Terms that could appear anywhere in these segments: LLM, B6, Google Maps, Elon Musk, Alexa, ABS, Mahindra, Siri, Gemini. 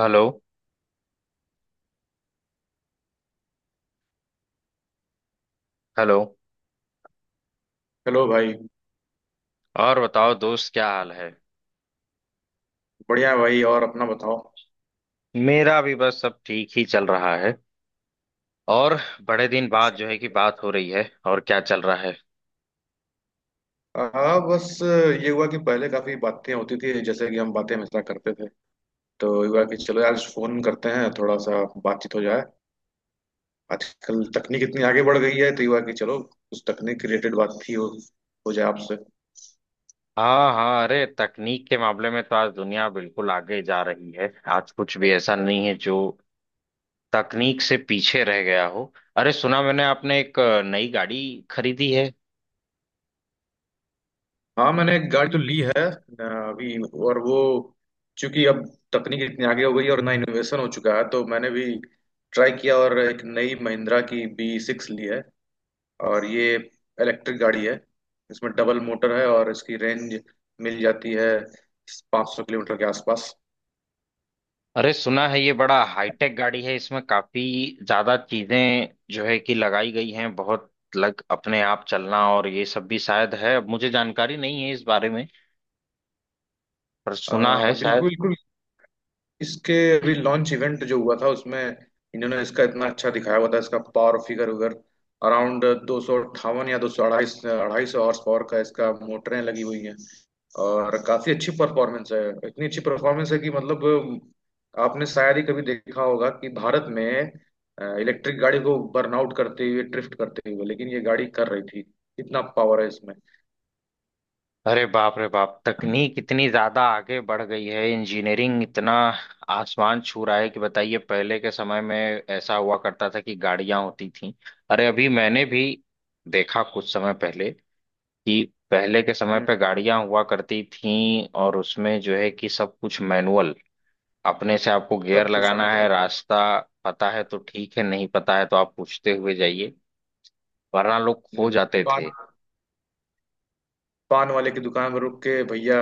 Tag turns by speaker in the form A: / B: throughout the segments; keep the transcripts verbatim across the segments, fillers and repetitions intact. A: Hello. Hello.
B: Hello भाई।
A: और बताओ दोस्त क्या हाल है।
B: बढ़िया है भाई, और अपना बताओ।
A: मेरा भी बस सब ठीक ही चल रहा है। और बड़े दिन बाद
B: अच्छा।
A: जो है कि बात हो रही है और क्या चल रहा है।
B: हाँ, बस ये हुआ कि पहले काफी बातें होती थी जैसे कि हम बातें हमेशा करते थे। तो हुआ कि चलो यार फोन करते हैं थोड़ा सा बातचीत हो जाए। आजकल तकनीक इतनी आगे बढ़ गई है तो हुआ कि चलो उस तकनीक रिलेटेड बात ही हो, हो जाए आपसे।
A: हाँ, हाँ, अरे तकनीक के मामले में तो आज दुनिया बिल्कुल आगे जा रही है। आज कुछ भी ऐसा नहीं है जो तकनीक से पीछे रह गया हो। अरे सुना मैंने आपने एक अ, नई गाड़ी खरीदी है।
B: हाँ मैंने एक गाड़ी तो ली है अ, अभी। और वो चूंकि अब तकनीक इतनी आगे हो गई है और ना इनोवेशन हो चुका है तो मैंने भी ट्राई किया और एक नई महिंद्रा की बी सिक्स ली है। और ये इलेक्ट्रिक गाड़ी है। इसमें डबल मोटर है और इसकी रेंज मिल जाती है पाँच सौ किलोमीटर के आसपास।
A: अरे सुना है ये बड़ा हाईटेक गाड़ी है। इसमें काफी ज्यादा चीजें जो है कि लगाई गई हैं। बहुत लग अपने आप चलना और ये सब भी शायद है। अब मुझे जानकारी नहीं है इस बारे में। पर
B: आ,
A: सुना है
B: बिल्कुल
A: शायद।
B: बिल्कुल। इसके अभी लॉन्च इवेंट जो हुआ था उसमें इन्होंने इसका इतना अच्छा दिखाया हुआ था। इसका पावर फिगर वगैरह अराउंड दो सौ अट्ठावन या दो सौ अढ़ाई, अढ़ाई सौ हॉर्स पावर का इसका मोटरें लगी हुई हैं। और काफी अच्छी परफॉर्मेंस है। इतनी अच्छी परफॉर्मेंस है कि मतलब आपने शायद ही कभी देखा होगा कि भारत में इलेक्ट्रिक गाड़ी को बर्नआउट करते हुए ड्रिफ्ट करते हुए, लेकिन ये गाड़ी कर रही थी। इतना पावर है इसमें।
A: अरे बाप रे बाप तकनीक इतनी ज्यादा आगे बढ़ गई है। इंजीनियरिंग इतना आसमान छू रहा है। कि बताइए पहले के समय में ऐसा हुआ करता था कि गाड़ियां होती थी। अरे अभी मैंने भी देखा कुछ समय पहले कि पहले के समय
B: हम्म।
A: पे गाड़ियां हुआ करती थीं और उसमें जो है कि सब कुछ मैनुअल। अपने से आपको गियर
B: सब कुछ
A: लगाना है।
B: मैनुअल।
A: रास्ता पता है तो ठीक है। नहीं पता है तो आप पूछते हुए जाइए वरना लोग खो
B: हम्म।
A: जाते थे।
B: पान वाले की दुकान पर रुक के भैया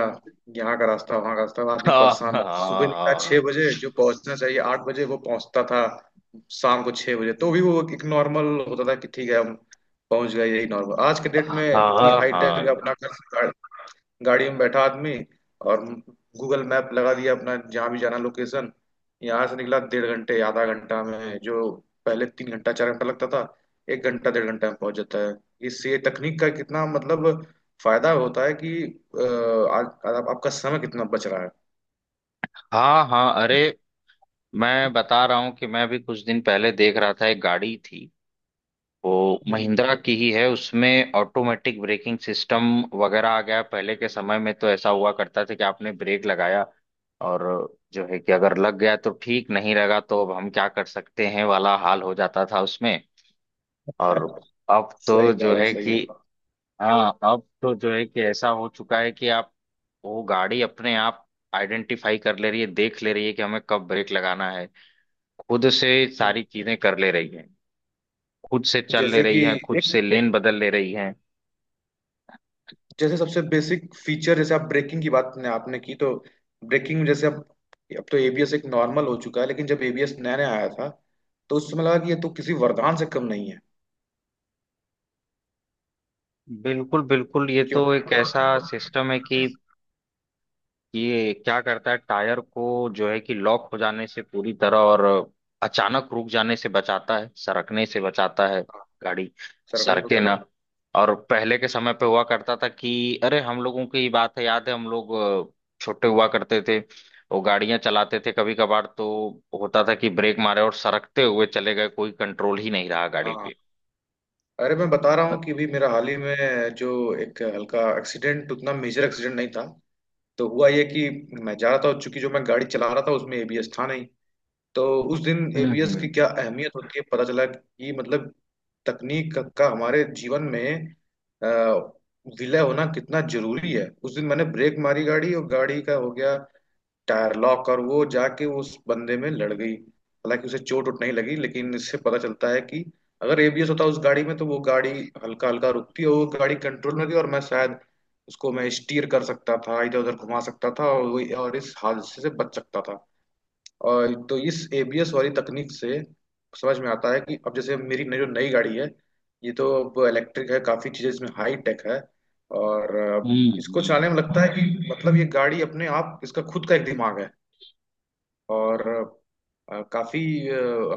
B: यहाँ का रास्ता वहाँ का रास्ता आदमी
A: हाँ, हाँ।
B: परेशान सुबह निकला छह बजे जो पहुंचना चाहिए आठ बजे वो पहुंचता था। शाम को छह बजे तो भी वो एक नॉर्मल होता था कि ठीक है हम पहुंच गए। यही नॉर्मल आज के डेट
A: हाँ,
B: में इतनी हाई टेक
A: हाँ।
B: अपना गाड़ी में बैठा आदमी और गूगल मैप लगा दिया अपना जहाँ भी जाना लोकेशन यहाँ से निकला डेढ़ घंटे आधा घंटा में जो पहले तीन घंटा चार घंटा लगता था एक घंटा डेढ़ घंटा में पहुंच जाता है। इससे तकनीक का कितना मतलब फायदा होता है कि अ, आज आज आपका समय कितना बच रहा है।
A: हाँ, हाँ। अरे मैं बता रहा हूँ कि मैं भी कुछ दिन पहले देख रहा था। एक गाड़ी थी, वो
B: हम्म,
A: महिंद्रा की ही है। उसमें ऑटोमेटिक ब्रेकिंग सिस्टम वगैरह आ गया। पहले के समय में तो ऐसा हुआ करता था कि आपने ब्रेक लगाया और जो है कि अगर लग गया तो ठीक, नहीं लगा तो अब हम क्या कर सकते हैं वाला हाल हो जाता था उसमें। और अब
B: सही
A: तो जो
B: बात है
A: है
B: सही
A: कि
B: बात।
A: हाँ, अब तो जो है कि ऐसा हो चुका है कि आप, वो गाड़ी अपने आप आइडेंटिफाई कर ले रही है। देख ले रही है कि हमें कब ब्रेक लगाना है। खुद से सारी चीजें कर ले रही है। खुद से चल ले
B: जैसे कि
A: रही हैं। खुद
B: एक
A: से लेन बदल ले रही हैं।
B: जैसे सबसे बेसिक फीचर जैसे आप ब्रेकिंग की बात ने आपने की तो ब्रेकिंग में जैसे अब अब तो ए बी एस एक नॉर्मल हो चुका है लेकिन जब एबीएस नया नया आया था तो उस समय लगा कि ये तो किसी वरदान से कम नहीं है।
A: बिल्कुल, बिल्कुल ये
B: क्यों।
A: तो एक ऐसा सिस्टम है कि ये क्या करता है, टायर को जो है कि लॉक हो जाने से पूरी तरह और अचानक रुक जाने से बचाता है। सरकने से बचाता है। गाड़ी
B: सर्वेंट।
A: सरके ना। और पहले के समय पे हुआ करता था कि अरे हम लोगों की बात है, याद है हम लोग अ, छोटे हुआ करते थे। वो गाड़ियां चलाते थे कभी कभार। तो होता था कि ब्रेक मारे और सरकते हुए चले गए। कोई कंट्रोल ही नहीं रहा गाड़ी
B: हाँ,
A: पे।
B: अरे मैं बता रहा हूँ कि भी मेरा हाल ही में जो एक हल्का एक्सीडेंट उतना मेजर एक्सीडेंट नहीं था। तो हुआ ये कि मैं जा रहा था और चूंकि जो मैं गाड़ी चला रहा था उसमें एबीएस था नहीं। तो उस दिन
A: हम्म।
B: एबीएस की
A: हम्म।
B: क्या अहमियत होती है पता चला कि मतलब तकनीक का हमारे जीवन में अ, विलय होना कितना जरूरी है। उस दिन मैंने ब्रेक मारी गाड़ी और गाड़ी का हो गया टायर लॉक और वो जाके उस बंदे में लड़ गई। हालांकि उसे चोट वोट नहीं लगी लेकिन इससे पता चलता है कि अगर एबीएस होता उस गाड़ी में तो वो गाड़ी हल्का हल्का रुकती और वो गाड़ी कंट्रोल में होती और मैं शायद उसको मैं स्टीयर कर सकता था इधर उधर घुमा सकता था और वो और इस हादसे से बच सकता था। और तो इस एबीएस वाली तकनीक से समझ में आता है कि अब जैसे मेरी नई- जो नई गाड़ी है ये तो अब इलेक्ट्रिक है काफी चीजें इसमें हाई टेक है। और अ,
A: हम्म,
B: इसको
A: हम्म।
B: चलाने में लगता है कि मतलब ये गाड़ी अपने आप इसका खुद का एक दिमाग है। और अ, काफी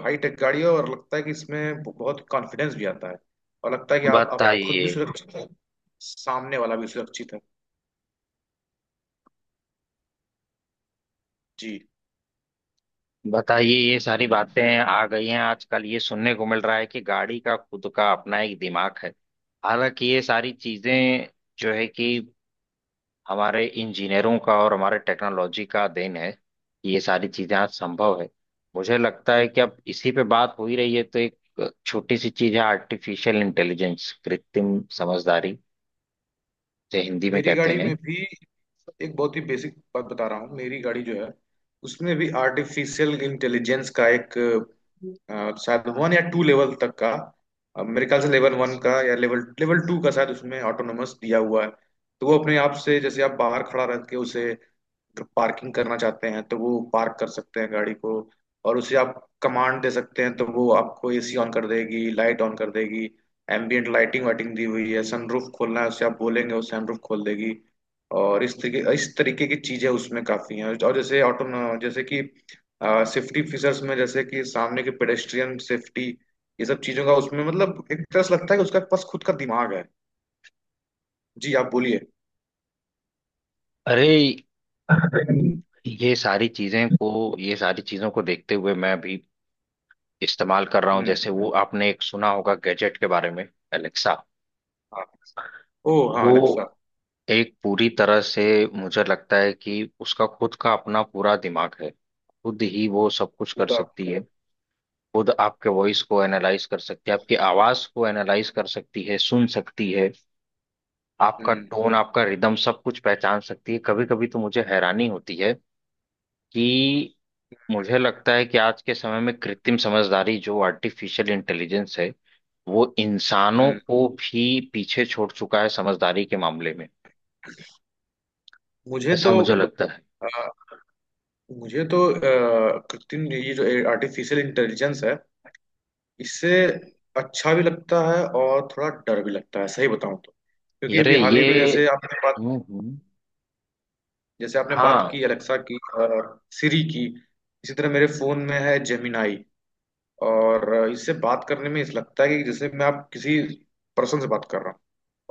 B: हाई टेक गाड़ी है और लगता है कि इसमें बहुत कॉन्फिडेंस भी आता है और लगता है कि आप आप खुद भी
A: बताइए।
B: सुरक्षित है। सामने वाला भी सुरक्षित है। जी।
A: बताइए ये सारी बातें आ गई हैं। आजकल ये सुनने को मिल रहा है कि गाड़ी का खुद का अपना एक दिमाग है। हालांकि ये सारी चीजें जो है कि हमारे इंजीनियरों का और हमारे टेक्नोलॉजी का देन है कि ये सारी चीजें आज संभव है। मुझे लगता है कि अब इसी पे बात हो ही रही है तो एक छोटी सी चीज है आर्टिफिशियल इंटेलिजेंस, कृत्रिम समझदारी जो हिंदी में
B: मेरी
A: कहते
B: गाड़ी
A: हैं।
B: में भी एक बहुत ही बेसिक बात बता रहा हूँ। मेरी गाड़ी जो है उसमें भी आर्टिफिशियल इंटेलिजेंस का एक अ, शायद वन या टू लेवल तक का अ, मेरे ख्याल से लेवल वन का या लेवल लेवल टू का शायद उसमें ऑटोनोमस दिया हुआ है। तो वो अपने आप से जैसे आप बाहर खड़ा रह के उसे पार्किंग करना चाहते हैं तो वो पार्क कर सकते हैं गाड़ी को। और उसे आप कमांड दे सकते हैं तो वो आपको ए सी ऑन कर देगी, लाइट ऑन कर देगी। एम्बियंट लाइटिंग वाइटिंग दी हुई है। सनरूफ खोलना है उसे आप बोलेंगे वो सनरूफ खोल देगी। और इस तरीके इस तरीके की चीजें उसमें काफी हैं और जैसे ऑटो जैसे कि सेफ्टी फीचर्स में जैसे कि सामने के पेडेस्ट्रियन सेफ्टी ये सब चीजों का उसमें मतलब एक तरह से लगता है कि उसका पास खुद का दिमाग है। जी आप बोलिए।
A: अरे
B: हम्म।
A: ये सारी चीजें को ये सारी चीजों को देखते हुए, मैं अभी इस्तेमाल कर रहा हूँ। जैसे वो आपने एक सुना होगा गैजेट के बारे में, एलेक्सा।
B: हाँ। ओ हाँ,
A: वो
B: अलेक्सा।
A: एक पूरी तरह से, मुझे लगता है कि उसका खुद का अपना पूरा दिमाग है। खुद ही वो सब कुछ कर
B: पूरा।
A: सकती है। खुद आपके वॉइस को एनालाइज कर सकती है। आपकी आवाज को एनालाइज कर सकती है। सुन सकती है। आपका
B: हम्म।
A: टोन, आपका रिदम सब कुछ पहचान सकती है। कभी कभी तो मुझे हैरानी होती है कि, मुझे लगता है कि आज के समय में कृत्रिम समझदारी, जो आर्टिफिशियल इंटेलिजेंस है, वो इंसानों
B: हम्म।
A: को भी पीछे छोड़ चुका है समझदारी के मामले में।
B: मुझे
A: ऐसा
B: तो
A: मुझे लगता है।
B: अ, मुझे तो अ, कृत्रिम ये जो आर्टिफिशियल इंटेलिजेंस है इससे अच्छा भी लगता है और थोड़ा डर भी लगता है सही बताऊं तो। क्योंकि
A: अरे
B: अभी हाल
A: ये।
B: ही में जैसे आपने बात
A: हम्म, हम्म।
B: जैसे आपने बात
A: हाँ।
B: की अलेक्सा की सिरी की। इसी तरह मेरे फोन में है जेमिनाई। और अ, इससे बात करने में इस लगता है कि जैसे मैं आप किसी पर्सन से बात कर रहा हूँ।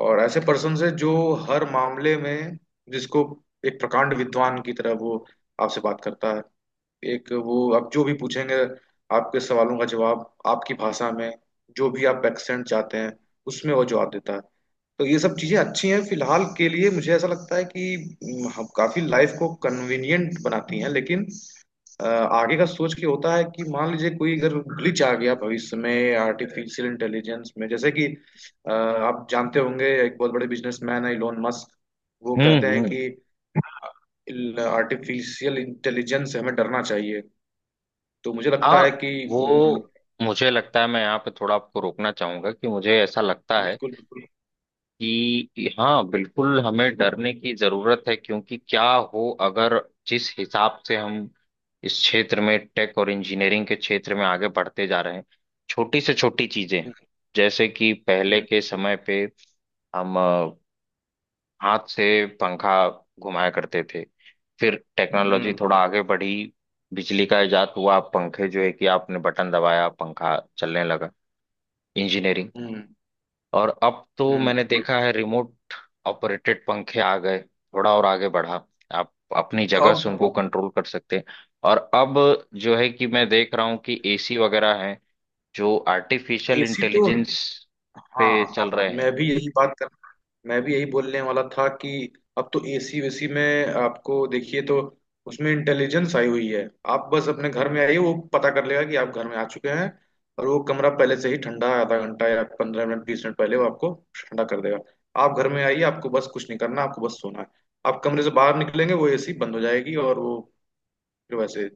B: और ऐसे पर्सन से जो हर मामले में जिसको एक प्रकांड विद्वान की तरह वो आपसे बात करता है। एक वो आप जो भी पूछेंगे आपके सवालों का जवाब आपकी भाषा में जो भी आप एक्सेंट चाहते हैं उसमें वो जवाब देता है। तो ये सब चीजें अच्छी हैं फिलहाल के लिए मुझे ऐसा लगता है कि हम्म, हम काफी लाइफ को कन्वीनियंट बनाती हैं लेकिन अ, आगे का सोच के होता है कि मान लीजिए कोई अगर ग्लिच आ गया भविष्य में आर्टिफिशियल इंटेलिजेंस में जैसे कि अ, आप जानते होंगे एक बहुत बड़े बिजनेसमैन है इलोन मस्क। वो कहते
A: हम्म।
B: हैं
A: हम्म।
B: कि आर्टिफिशियल इंटेलिजेंस से हमें डरना चाहिए। तो मुझे लगता है
A: हाँ।
B: कि हम्म,
A: वो, मुझे लगता है मैं यहाँ पे थोड़ा आपको रोकना चाहूंगा कि मुझे ऐसा लगता है
B: बिल्कुल, बिल्कुल।
A: कि हाँ बिल्कुल हमें डरने की जरूरत है। क्योंकि क्या हो अगर, जिस हिसाब से हम इस क्षेत्र में, टेक और इंजीनियरिंग के क्षेत्र में आगे बढ़ते जा रहे हैं। छोटी से छोटी चीजें, जैसे कि पहले
B: हम्म।
A: के समय पे हम अ, हाथ से पंखा घुमाया करते थे। फिर टेक्नोलॉजी
B: हम्म।
A: थोड़ा आगे बढ़ी। बिजली का इजाद हुआ। पंखे, जो है कि आपने बटन दबाया पंखा चलने लगा। इंजीनियरिंग।
B: हम्म।
A: और अब तो
B: हम्म।
A: मैंने देखा है रिमोट ऑपरेटेड पंखे आ गए। थोड़ा और आगे बढ़ा, आप अपनी जगह
B: अब।
A: से उनको कंट्रोल कर सकते हैं। और अब जो है कि मैं देख रहा हूँ कि एसी वगैरह हैं जो आर्टिफिशियल
B: एसी तो
A: इंटेलिजेंस पे
B: हाँ।
A: चल रहे
B: मैं
A: हैं।
B: भी यही बात कर मैं भी यही बोलने वाला था कि अब तो एसी वेसी में आपको देखिए तो उसमें इंटेलिजेंस आई हुई है। आप बस अपने घर में आइए वो पता कर लेगा कि आप घर में आ चुके हैं और वो कमरा पहले से ही ठंडा है, आधा घंटा या पंद्रह मिनट बीस मिनट पहले वो आपको ठंडा कर देगा। आप घर में आइए, आपको बस कुछ नहीं करना आपको बस सोना है। आप कमरे से बाहर निकलेंगे वो एसी बंद हो जाएगी और वो फिर वैसे।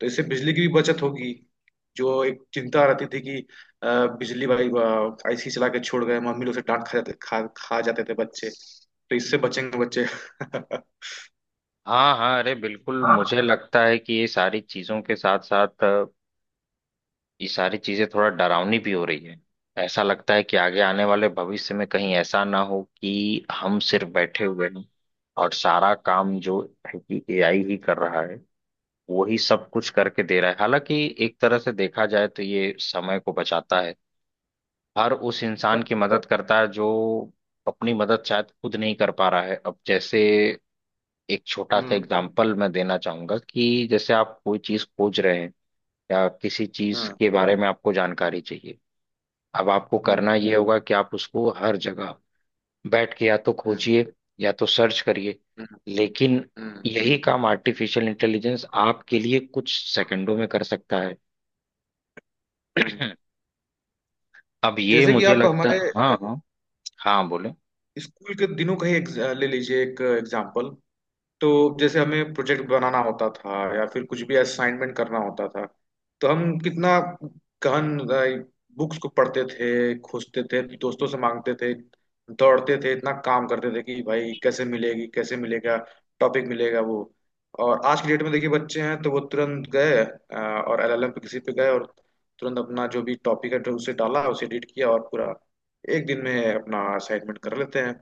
B: तो इससे बिजली की भी बचत होगी जो एक चिंता रहती थी कि अ, बिजली भाई आईसी चला के छोड़ गए मम्मी लोग से डांट खा जाते खा खा जाते थे बच्चे तो इससे बचेंगे बच्चे।
A: हाँ, हाँ, अरे बिल्कुल, मुझे लगता है कि ये सारी चीजों के साथ साथ ये सारी चीजें थोड़ा डरावनी भी हो रही है। ऐसा लगता है कि आगे आने वाले भविष्य में कहीं ऐसा ना हो कि हम सिर्फ बैठे हुए हैं और सारा काम जो है कि ए आई ही कर रहा है। वो ही सब कुछ करके दे रहा है। हालांकि एक तरह से देखा जाए तो ये समय को बचाता है। हर उस इंसान की मदद करता है जो अपनी मदद शायद खुद नहीं कर पा रहा है। अब जैसे एक छोटा सा
B: हम्म।
A: एग्जांपल मैं देना चाहूंगा, कि जैसे आप कोई चीज खोज रहे हैं या किसी चीज
B: हम्म।
A: के बारे में आपको जानकारी चाहिए। अब आपको
B: हम्म।
A: करना ये होगा कि आप उसको हर जगह बैठ के या तो
B: हम्म।
A: खोजिए, या तो सर्च करिए।
B: हम्म,
A: लेकिन
B: हम्म,
A: यही काम आर्टिफिशियल इंटेलिजेंस आपके लिए कुछ सेकंडों में कर सकता है।
B: हम्म।
A: अब ये,
B: जैसे कि
A: मुझे
B: आप
A: लगता
B: हमारे
A: है, हाँ, हाँ। हाँ बोले।
B: स्कूल के दिनों का ही एक, ले लीजिए एक एग्जाम्पल। तो जैसे हमें प्रोजेक्ट बनाना होता था या फिर कुछ भी असाइनमेंट करना होता था तो हम कितना गहन बुक्स को पढ़ते थे खोजते थे दोस्तों से मांगते थे दौड़ते थे इतना काम करते थे कि भाई कैसे मिलेगी कैसे मिलेगा टॉपिक मिलेगा वो। और आज की डेट में देखिए बच्चे हैं तो वो तुरंत गए अ, और एल एल एम पे किसी पे गए और तुरंत अपना जो भी टॉपिक है तो उसे डाला उसे एडिट किया और पूरा एक दिन में अपना असाइनमेंट कर लेते हैं।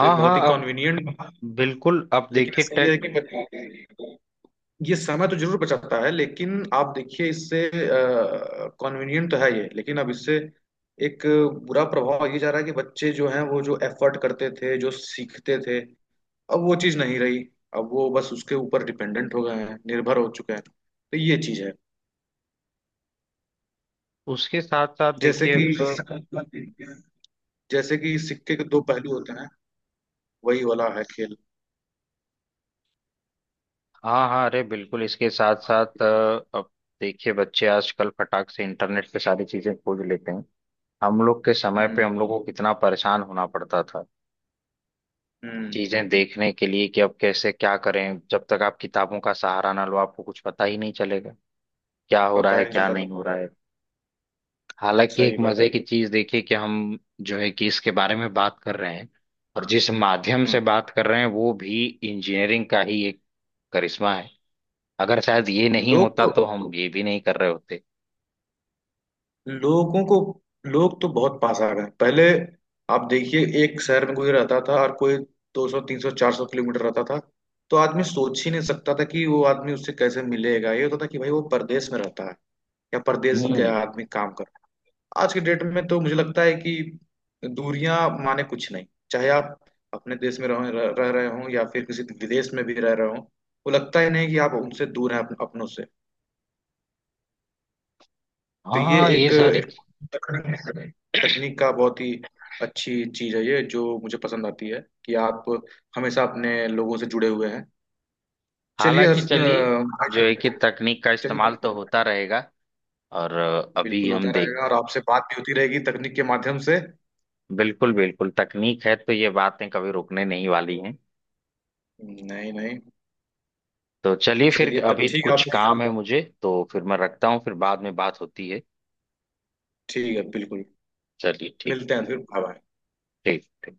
B: तो ये बहुत ही
A: हाँ। अब
B: कन्वीनियंट।
A: बिल्कुल। अब
B: लेकिन
A: देखिए
B: इसमें यह है
A: टेक,
B: कि बच- ये समय तो जरूर बचाता है लेकिन आप देखिए इससे कन्वीनियंट तो है ये लेकिन अब इससे एक बुरा प्रभाव ये जा रहा है कि बच्चे जो हैं वो जो एफर्ट करते थे जो सीखते थे अब वो चीज़ नहीं रही। अब वो बस उसके ऊपर डिपेंडेंट हो गए हैं निर्भर हो चुके हैं तो ये चीज़ है।
A: उसके साथ साथ
B: जैसे
A: देखिए
B: कि
A: अब।
B: जैसे कि सिक्के के दो पहलू होते हैं। वही वाला है खेल।
A: हाँ, हाँ, अरे बिल्कुल इसके साथ साथ अ, अब देखिए, बच्चे आजकल फटाक से इंटरनेट पे सारी चीजें खोज लेते हैं। हम लोग के समय पे
B: हम्म।
A: हम लोग को कितना परेशान होना पड़ता था
B: हम्म।
A: चीजें देखने के लिए, कि अब कैसे क्या करें जब तक आप किताबों का सहारा ना लो आपको कुछ पता ही नहीं चलेगा, क्या हो रहा
B: पता ही
A: है
B: नहीं
A: क्या
B: चलता
A: नहीं
B: था
A: हो रहा है। हालांकि एक
B: सही बात।
A: मजे की चीज देखिए कि हम जो है कि इसके बारे में बात कर रहे हैं, और जिस माध्यम से
B: हम्म।
A: बात कर रहे हैं वो भी इंजीनियरिंग का ही एक करिश्मा है। अगर शायद ये नहीं
B: लोग
A: होता
B: तो
A: तो हम ये भी नहीं कर रहे होते।
B: लोगों को लोग तो बहुत पास आ गए पहले। आप देखिए एक शहर में कोई रहता था और कोई दो सौ तीन सौ चार सौ किलोमीटर रहता था तो आदमी सोच ही नहीं सकता था कि वो आदमी उससे कैसे मिलेगा। ये होता था कि भाई वो परदेश में रहता है या परदेश का
A: हम्म,
B: आदमी काम कर रहा है। आज के डेट में तो मुझे लगता है कि दूरियां माने कुछ नहीं। चाहे आप अपने देश में रह रह रहे हो या फिर किसी विदेश में भी रह रहे हो वो लगता ही नहीं कि आप उनसे दूर हैं अप- अपनों से। तो ये
A: हाँ। ये
B: एक,
A: सारी,
B: एक तकनीक तकनीक का बहुत ही अच्छी चीज है ये जो मुझे पसंद आती है कि आप हमेशा अपने लोगों से जुड़े हुए हैं। चलिए अ,
A: हालांकि चलिए, जो है कि तकनीक का
B: चलिए
A: इस्तेमाल
B: भाई।
A: तो होता रहेगा। और अभी
B: बिल्कुल
A: हम
B: होता
A: देख,
B: रहेगा और आपसे बात भी होती रहेगी तकनीक के माध्यम से।
A: बिल्कुल, बिल्कुल, तकनीक है तो ये बातें कभी रुकने नहीं वाली हैं।
B: नहीं नहीं।
A: तो चलिए फिर,
B: चलिए तब
A: अभी
B: ठीक है
A: कुछ
B: आपसे।
A: काम है मुझे तो फिर मैं रखता हूँ। फिर बाद में बात होती है।
B: ठीक है बिल्कुल।
A: चलिए ठीक,
B: मिलते हैं
A: ठीक,
B: फिर।
A: ठीक।
B: Bye bye.
A: ठीक।